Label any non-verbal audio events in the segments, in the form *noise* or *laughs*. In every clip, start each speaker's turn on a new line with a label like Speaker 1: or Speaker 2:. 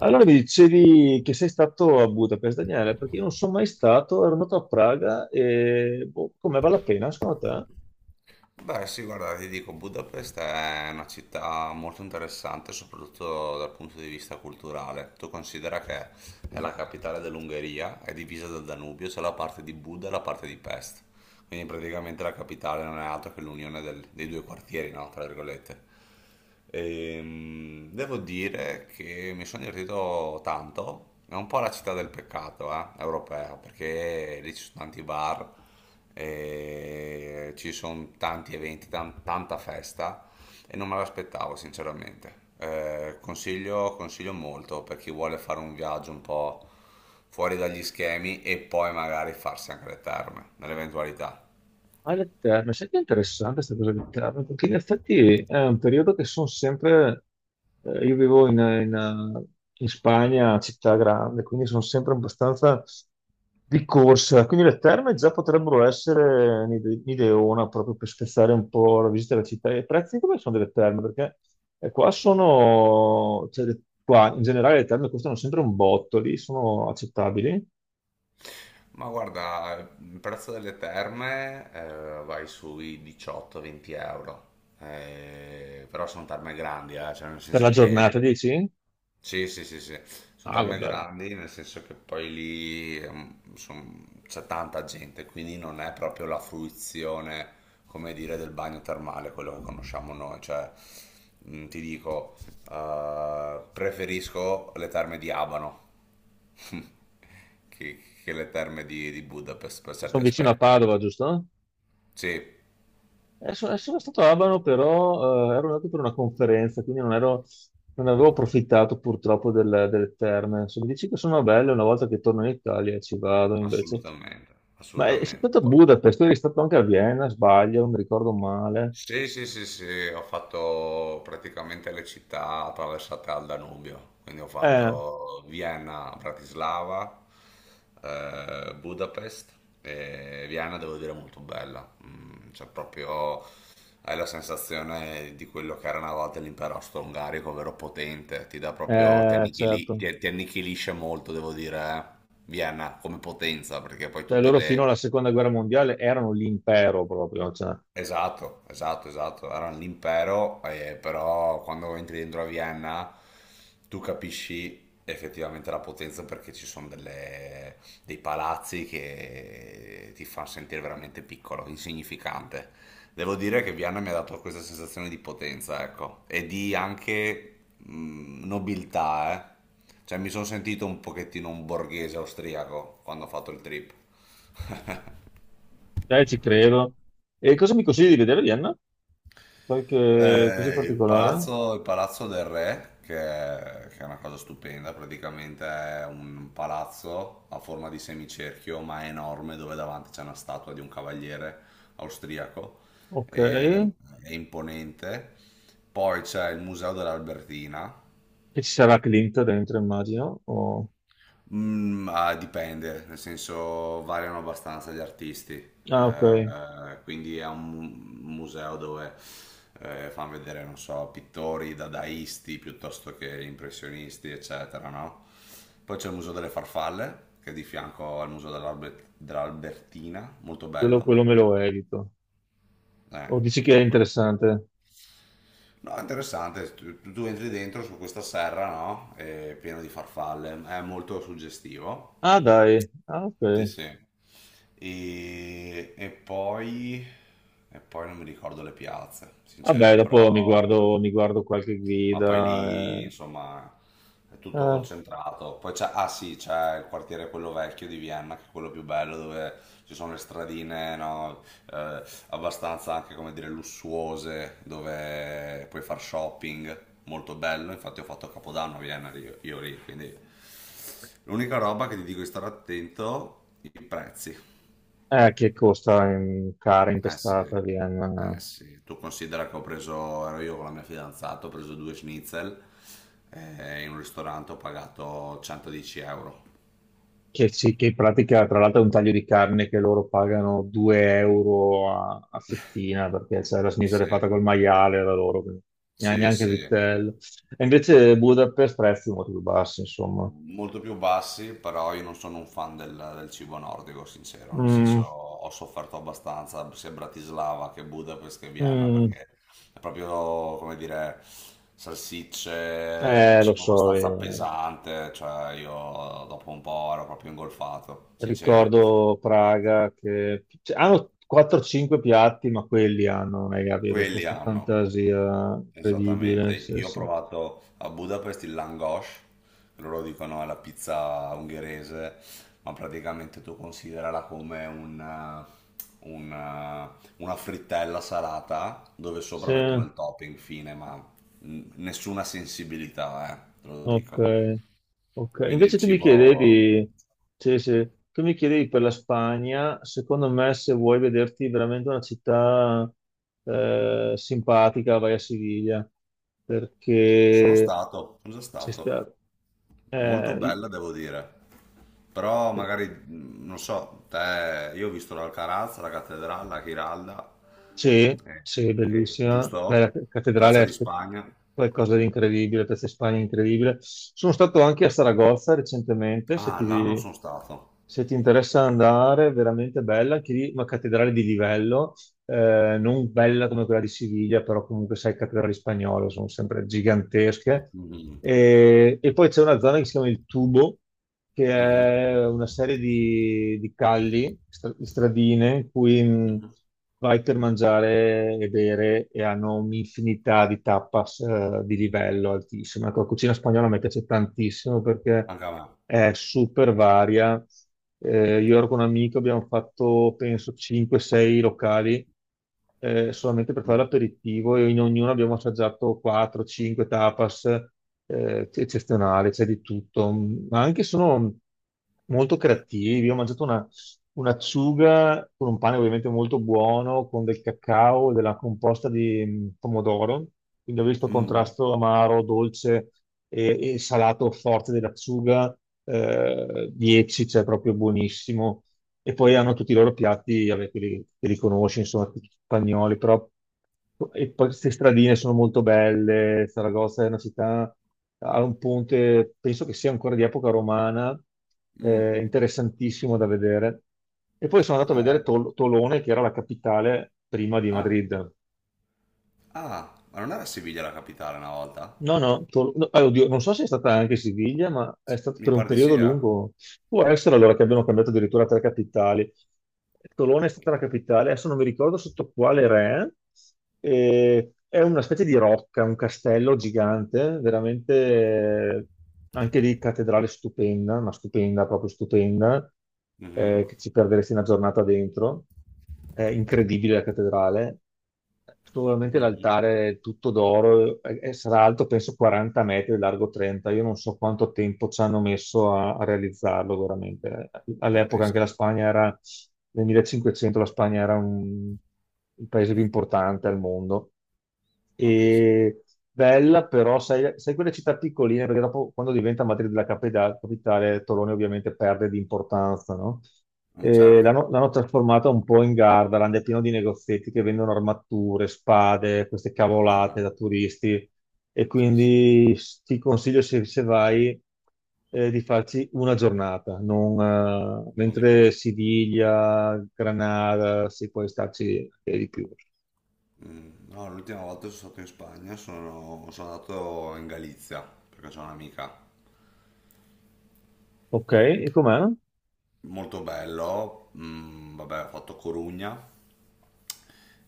Speaker 1: Allora mi dicevi che sei stato a Budapest, Daniele, perché io non sono mai stato, ero andato a Praga e boh, com'è, vale la pena secondo te?
Speaker 2: Beh, sì, guarda, ti dico, Budapest è una città molto interessante, soprattutto dal punto di vista culturale. Tu considera che è la capitale dell'Ungheria, è divisa dal Danubio, c'è la parte di Buda e la parte di Pest. Quindi praticamente la capitale non è altro che l'unione dei due quartieri, no? Tra virgolette. Devo dire che mi sono divertito tanto. È un po' la città del peccato, europea, perché lì ci sono tanti bar, e ci sono tanti eventi, tanta festa e non me l'aspettavo, sinceramente. Consiglio molto per chi vuole fare un viaggio un po' fuori dagli schemi e poi magari farsi anche le terme, nell'eventualità.
Speaker 1: Ah, le terme, senti, è interessante questa cosa delle terme, perché in effetti è un periodo che sono sempre, io vivo eh, in Spagna, città grande, quindi sono sempre abbastanza di corsa, quindi le terme già potrebbero essere un'ideona proprio per spezzare un po' la visita alla città. E i prezzi come sono delle terme? Perché qua sono, cioè, qua in generale le terme costano sempre un botto, lì sono accettabili.
Speaker 2: Ma guarda, il prezzo delle terme vai sui 18-20 euro. Però sono terme grandi, cioè nel
Speaker 1: Per la
Speaker 2: senso che
Speaker 1: giornata, dici?
Speaker 2: sì, sì, sì, sì, sono
Speaker 1: Ah,
Speaker 2: tarme
Speaker 1: vabbè,
Speaker 2: grandi, nel senso che poi lì c'è tanta gente, quindi non è proprio la fruizione, come dire, del bagno termale, quello che conosciamo noi. Cioè, ti dico, preferisco le terme di Abano *laughs* che le terme di Budapest per certi
Speaker 1: sono vicino a
Speaker 2: aspetti.
Speaker 1: Padova, giusto?
Speaker 2: Sì,
Speaker 1: Sono stato a Abano, però ero andato per una conferenza, quindi non avevo approfittato purtroppo delle terme. Se mi dici che sono belle, una volta che torno in Italia ci vado invece.
Speaker 2: assolutamente,
Speaker 1: Ma sei
Speaker 2: assolutamente.
Speaker 1: stato a Budapest, tu eri stato anche a Vienna, sbaglio, non mi ricordo male.
Speaker 2: Sì, sì, sì, sì, ho fatto praticamente le città attraversate al Danubio, quindi ho
Speaker 1: Eh,
Speaker 2: fatto Vienna, Bratislava, Budapest e Vienna devo dire molto bella. Mm, cioè proprio hai la sensazione di quello che era una volta l'impero austro-ungarico, ovvero potente, ti dà proprio,
Speaker 1: eh, certo.
Speaker 2: ti annichilisce molto, devo dire, eh. Vienna come potenza, perché poi
Speaker 1: Cioè,
Speaker 2: tutte
Speaker 1: loro fino
Speaker 2: le
Speaker 1: alla seconda guerra mondiale erano l'impero proprio, cioè,
Speaker 2: esatto, esatto, esatto. Era un impero, però quando entri dentro a Vienna tu capisci effettivamente la potenza perché dei palazzi che ti fanno sentire veramente piccolo, insignificante. Devo dire che Vienna mi ha dato questa sensazione di potenza, ecco, e di anche nobiltà, eh. Cioè mi sono sentito un pochettino un borghese austriaco quando ho fatto il trip.
Speaker 1: ci credo. E cosa mi consigli di vedere a Vienna? Qualche cosa in particolare?
Speaker 2: Il palazzo del re, che è una cosa stupenda, praticamente è un palazzo a forma di semicerchio, ma è enorme, dove davanti c'è una statua di un cavaliere austriaco
Speaker 1: Ok.
Speaker 2: ed è imponente. Poi c'è il museo dell'Albertina.
Speaker 1: E ci sarà Clint dentro, immagino.
Speaker 2: Mm, ah, dipende, nel senso variano abbastanza gli artisti.
Speaker 1: Ah, ok,
Speaker 2: Quindi è un museo dove fanno vedere, non so, pittori dadaisti piuttosto che impressionisti, eccetera, no? Poi c'è il Museo delle Farfalle, che è di fianco al Museo dell'Albertina, molto
Speaker 1: quello,
Speaker 2: bello.
Speaker 1: quello me lo evito.
Speaker 2: Eh,
Speaker 1: O dici che è
Speaker 2: que- que-
Speaker 1: interessante?
Speaker 2: No, è interessante, tu entri dentro su questa serra, no? È pieno di farfalle, è molto suggestivo.
Speaker 1: Ah, dai, ah,
Speaker 2: Sì,
Speaker 1: ok.
Speaker 2: sì. E, e poi, e poi non mi ricordo le piazze,
Speaker 1: Vabbè,
Speaker 2: sincero,
Speaker 1: dopo mi
Speaker 2: però,
Speaker 1: guardo, mi guardo qualche
Speaker 2: ma poi lì,
Speaker 1: guida.
Speaker 2: insomma, è
Speaker 1: Eh,
Speaker 2: tutto
Speaker 1: eh,
Speaker 2: concentrato. Poi c'è, ah sì, c'è il quartiere quello vecchio di Vienna, che è quello più bello, dove ci sono le stradine, no, eh, abbastanza anche, come dire, lussuose, dove puoi far shopping, molto bello. Infatti ho fatto Capodanno a Vienna, io lì, quindi... L'unica roba che ti dico di stare attento, i prezzi.
Speaker 1: che costa in cara
Speaker 2: Eh sì,
Speaker 1: impestata a
Speaker 2: eh
Speaker 1: Vienna.
Speaker 2: sì. Tu considera che ho preso, ero io con la mia fidanzata, ho preso due schnitzel in un ristorante ho pagato 110 euro.
Speaker 1: Che, sì, che in pratica, tra l'altro, è un taglio di carne che loro pagano 2 euro a fettina perché cioè, la sinistra è
Speaker 2: Sì,
Speaker 1: fatta col maiale da loro, quindi neanche
Speaker 2: sì,
Speaker 1: neanche il
Speaker 2: sì.
Speaker 1: vitello. E invece Budapest prezzi molto più bassi, insomma.
Speaker 2: Molto più bassi, però io non sono un fan del cibo nordico, sincero, nel senso
Speaker 1: Mm,
Speaker 2: ho sofferto abbastanza sia a Bratislava che Budapest che Vienna,
Speaker 1: mm,
Speaker 2: perché è proprio, come dire, salsicce,
Speaker 1: lo
Speaker 2: cibo
Speaker 1: so,
Speaker 2: abbastanza pesante, cioè io dopo un po' ero proprio ingolfato, sincero.
Speaker 1: ricordo Praga che cioè, hanno 4-5 piatti, ma quelli hanno, ragazzi, avevo
Speaker 2: Quelli
Speaker 1: questa
Speaker 2: hanno.
Speaker 1: fantasia
Speaker 2: Esattamente,
Speaker 1: incredibile. Sì,
Speaker 2: io ho
Speaker 1: sì.
Speaker 2: provato a Budapest il langos, loro dicono è la pizza ungherese, ma praticamente tu considerala come una frittella salata dove sopra
Speaker 1: Sì,
Speaker 2: mettono
Speaker 1: ok,
Speaker 2: il topping, fine, ma nessuna sensibilità, te lo dico.
Speaker 1: ok.
Speaker 2: Quindi
Speaker 1: Invece
Speaker 2: il
Speaker 1: tu mi
Speaker 2: cibo...
Speaker 1: chiedevi, sì, sì, tu mi chiedevi per la Spagna, secondo me se vuoi vederti veramente una città simpatica, vai a Siviglia,
Speaker 2: Sono
Speaker 1: perché
Speaker 2: stato, sono già
Speaker 1: c'è
Speaker 2: stato,
Speaker 1: sta-
Speaker 2: molto
Speaker 1: eh,
Speaker 2: bella devo dire. Però magari, mm, non so, te, io ho visto l'Alcaraz, la Cattedrale, la Giralda,
Speaker 1: sì,
Speaker 2: eh,
Speaker 1: sì, bellissima. Beh, la
Speaker 2: giusto? Piazza
Speaker 1: cattedrale
Speaker 2: di
Speaker 1: è
Speaker 2: Spagna.
Speaker 1: qualcosa di incredibile, Piazza Spagna è incredibile. Sono stato anche a Saragozza recentemente, se
Speaker 2: Ah, là non
Speaker 1: ti,
Speaker 2: sono stato.
Speaker 1: se ti interessa andare, è veramente bella, anche lì una cattedrale di livello. Non bella come quella di Siviglia, però comunque sai, cattedrali spagnole sono sempre gigantesche.
Speaker 2: Mhm,
Speaker 1: E poi c'è una zona che si chiama il Tubo, che
Speaker 2: mhm,
Speaker 1: è una serie di calli, stradine, in cui
Speaker 2: mhm.
Speaker 1: vai per mangiare e bere e hanno un'infinità di tapas di livello altissimo. Ecco, la cucina spagnola mi piace tantissimo perché
Speaker 2: Anche a me.
Speaker 1: è super varia. Io ero con un amico, abbiamo fatto penso 5-6 locali solamente per fare
Speaker 2: Mhm,
Speaker 1: l'aperitivo e in ognuno abbiamo assaggiato 4-5 tapas eccezionali, c'è di tutto. Ma anche sono molto creativi. Io ho mangiato una un'acciuga con un pane ovviamente molto buono, con del cacao e della composta di pomodoro, quindi ho visto il
Speaker 2: mhm,
Speaker 1: contrasto amaro, dolce e salato forte dell'acciuga, 10, cioè proprio buonissimo e poi hanno tutti i loro piatti, vabbè, che li conosci, insomma, tutti spagnoli, però e poi queste stradine sono molto belle. Saragozza è una città, ha un ponte, penso che sia ancora di epoca romana,
Speaker 2: mhm.
Speaker 1: interessantissimo da vedere. E poi sono andato a
Speaker 2: Eh,
Speaker 1: vedere Tolone, che era la capitale prima di
Speaker 2: ah,
Speaker 1: Madrid.
Speaker 2: ah, ma non era Siviglia la capitale una volta?
Speaker 1: No, no, oddio, non so se è stata anche Siviglia, ma è stato
Speaker 2: Mi
Speaker 1: per un
Speaker 2: pare di sì,
Speaker 1: periodo
Speaker 2: eh?
Speaker 1: lungo. Può essere allora che abbiano cambiato addirittura tre capitali. Tolone è stata la capitale, adesso non mi ricordo sotto quale re. È una specie di rocca, un castello gigante, veramente anche lì cattedrale stupenda, ma stupenda, proprio stupenda,
Speaker 2: Mhm,
Speaker 1: che ci perderesti una giornata dentro. È incredibile la cattedrale. Sicuramente
Speaker 2: mhm.
Speaker 1: l'altare è tutto d'oro e sarà alto penso 40 metri, e largo 30. Io non so quanto tempo ci hanno messo a realizzarlo veramente.
Speaker 2: Ma
Speaker 1: All'epoca anche la
Speaker 2: penso,
Speaker 1: Spagna era, nel 1500 la Spagna era un, il paese più importante al mondo
Speaker 2: ma penso.
Speaker 1: e bella, però sai, sai quelle città piccoline, perché dopo quando diventa Madrid la capitale, Tolone ovviamente perde di importanza, no?
Speaker 2: Mm,
Speaker 1: E
Speaker 2: certo.
Speaker 1: l'hanno trasformata un po' in Gardaland, è pieno di negozietti che vendono armature, spade, queste
Speaker 2: Ah,
Speaker 1: cavolate da turisti. E
Speaker 2: sì, sì,
Speaker 1: quindi ti consiglio, se vai, di farci una giornata, non,
Speaker 2: non di più.
Speaker 1: mentre Siviglia, Granada, si può starci anche di più.
Speaker 2: Mm, no, l'ultima volta sono stato in Spagna, sono, sono andato in Galizia perché c'è un'amica.
Speaker 1: Ok, e com'è?
Speaker 2: Molto bello, mm, vabbè, ho fatto Corugna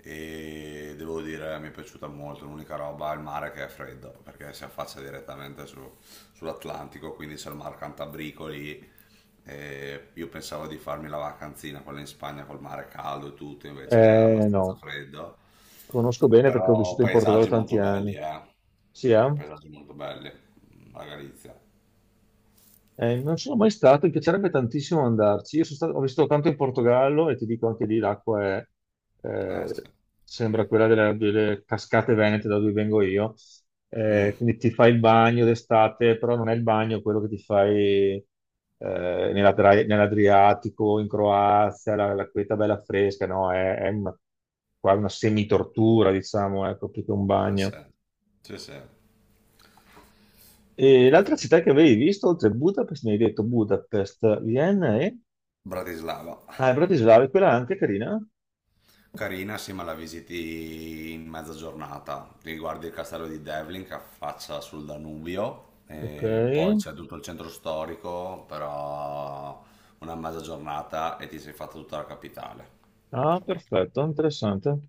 Speaker 2: e devo dire mi è piaciuta molto, l'unica roba è il mare che è freddo, perché si affaccia direttamente sull'Atlantico, quindi c'è il mar Cantabrico lì. E io pensavo di farmi la vacanzina, quella in Spagna col mare caldo e tutto, invece era abbastanza
Speaker 1: No,
Speaker 2: freddo,
Speaker 1: conosco bene perché ho
Speaker 2: però
Speaker 1: vissuto in Portogallo
Speaker 2: paesaggi
Speaker 1: tanti
Speaker 2: molto belli,
Speaker 1: anni.
Speaker 2: eh.
Speaker 1: Sì, eh?
Speaker 2: Paesaggi molto belli, mm, la Galizia.
Speaker 1: Non sono mai stato, mi piacerebbe tantissimo andarci. Ho vissuto tanto in Portogallo e ti dico anche lì l'acqua è,
Speaker 2: Eh
Speaker 1: eh,
Speaker 2: sì.
Speaker 1: sembra quella delle cascate venete da dove vengo io.
Speaker 2: Mm,
Speaker 1: Quindi ti fai il bagno d'estate, però non è il bagno quello che ti fai eh, nell'Adriatico, in Croazia, la queta bella fresca, no? È una, qua una semitortura, diciamo, ecco, più che un
Speaker 2: eh
Speaker 1: bagno.
Speaker 2: sì. Sì, sì.
Speaker 1: E l'altra città che
Speaker 2: Effettivamente.
Speaker 1: avevi visto, oltre a Budapest, mi hai detto Budapest, Vienna e...
Speaker 2: Bratislava,
Speaker 1: Ah, e Bratislava, è quella anche carina.
Speaker 2: carina, sì, ma la visiti in mezza giornata. Ti guardi il castello di Devlin che affaccia sul Danubio,
Speaker 1: Ok.
Speaker 2: e poi c'è tutto il centro storico, però una mezza giornata e ti sei fatta tutta la capitale.
Speaker 1: Ah,
Speaker 2: Cioè, proprio
Speaker 1: perfetto, interessante.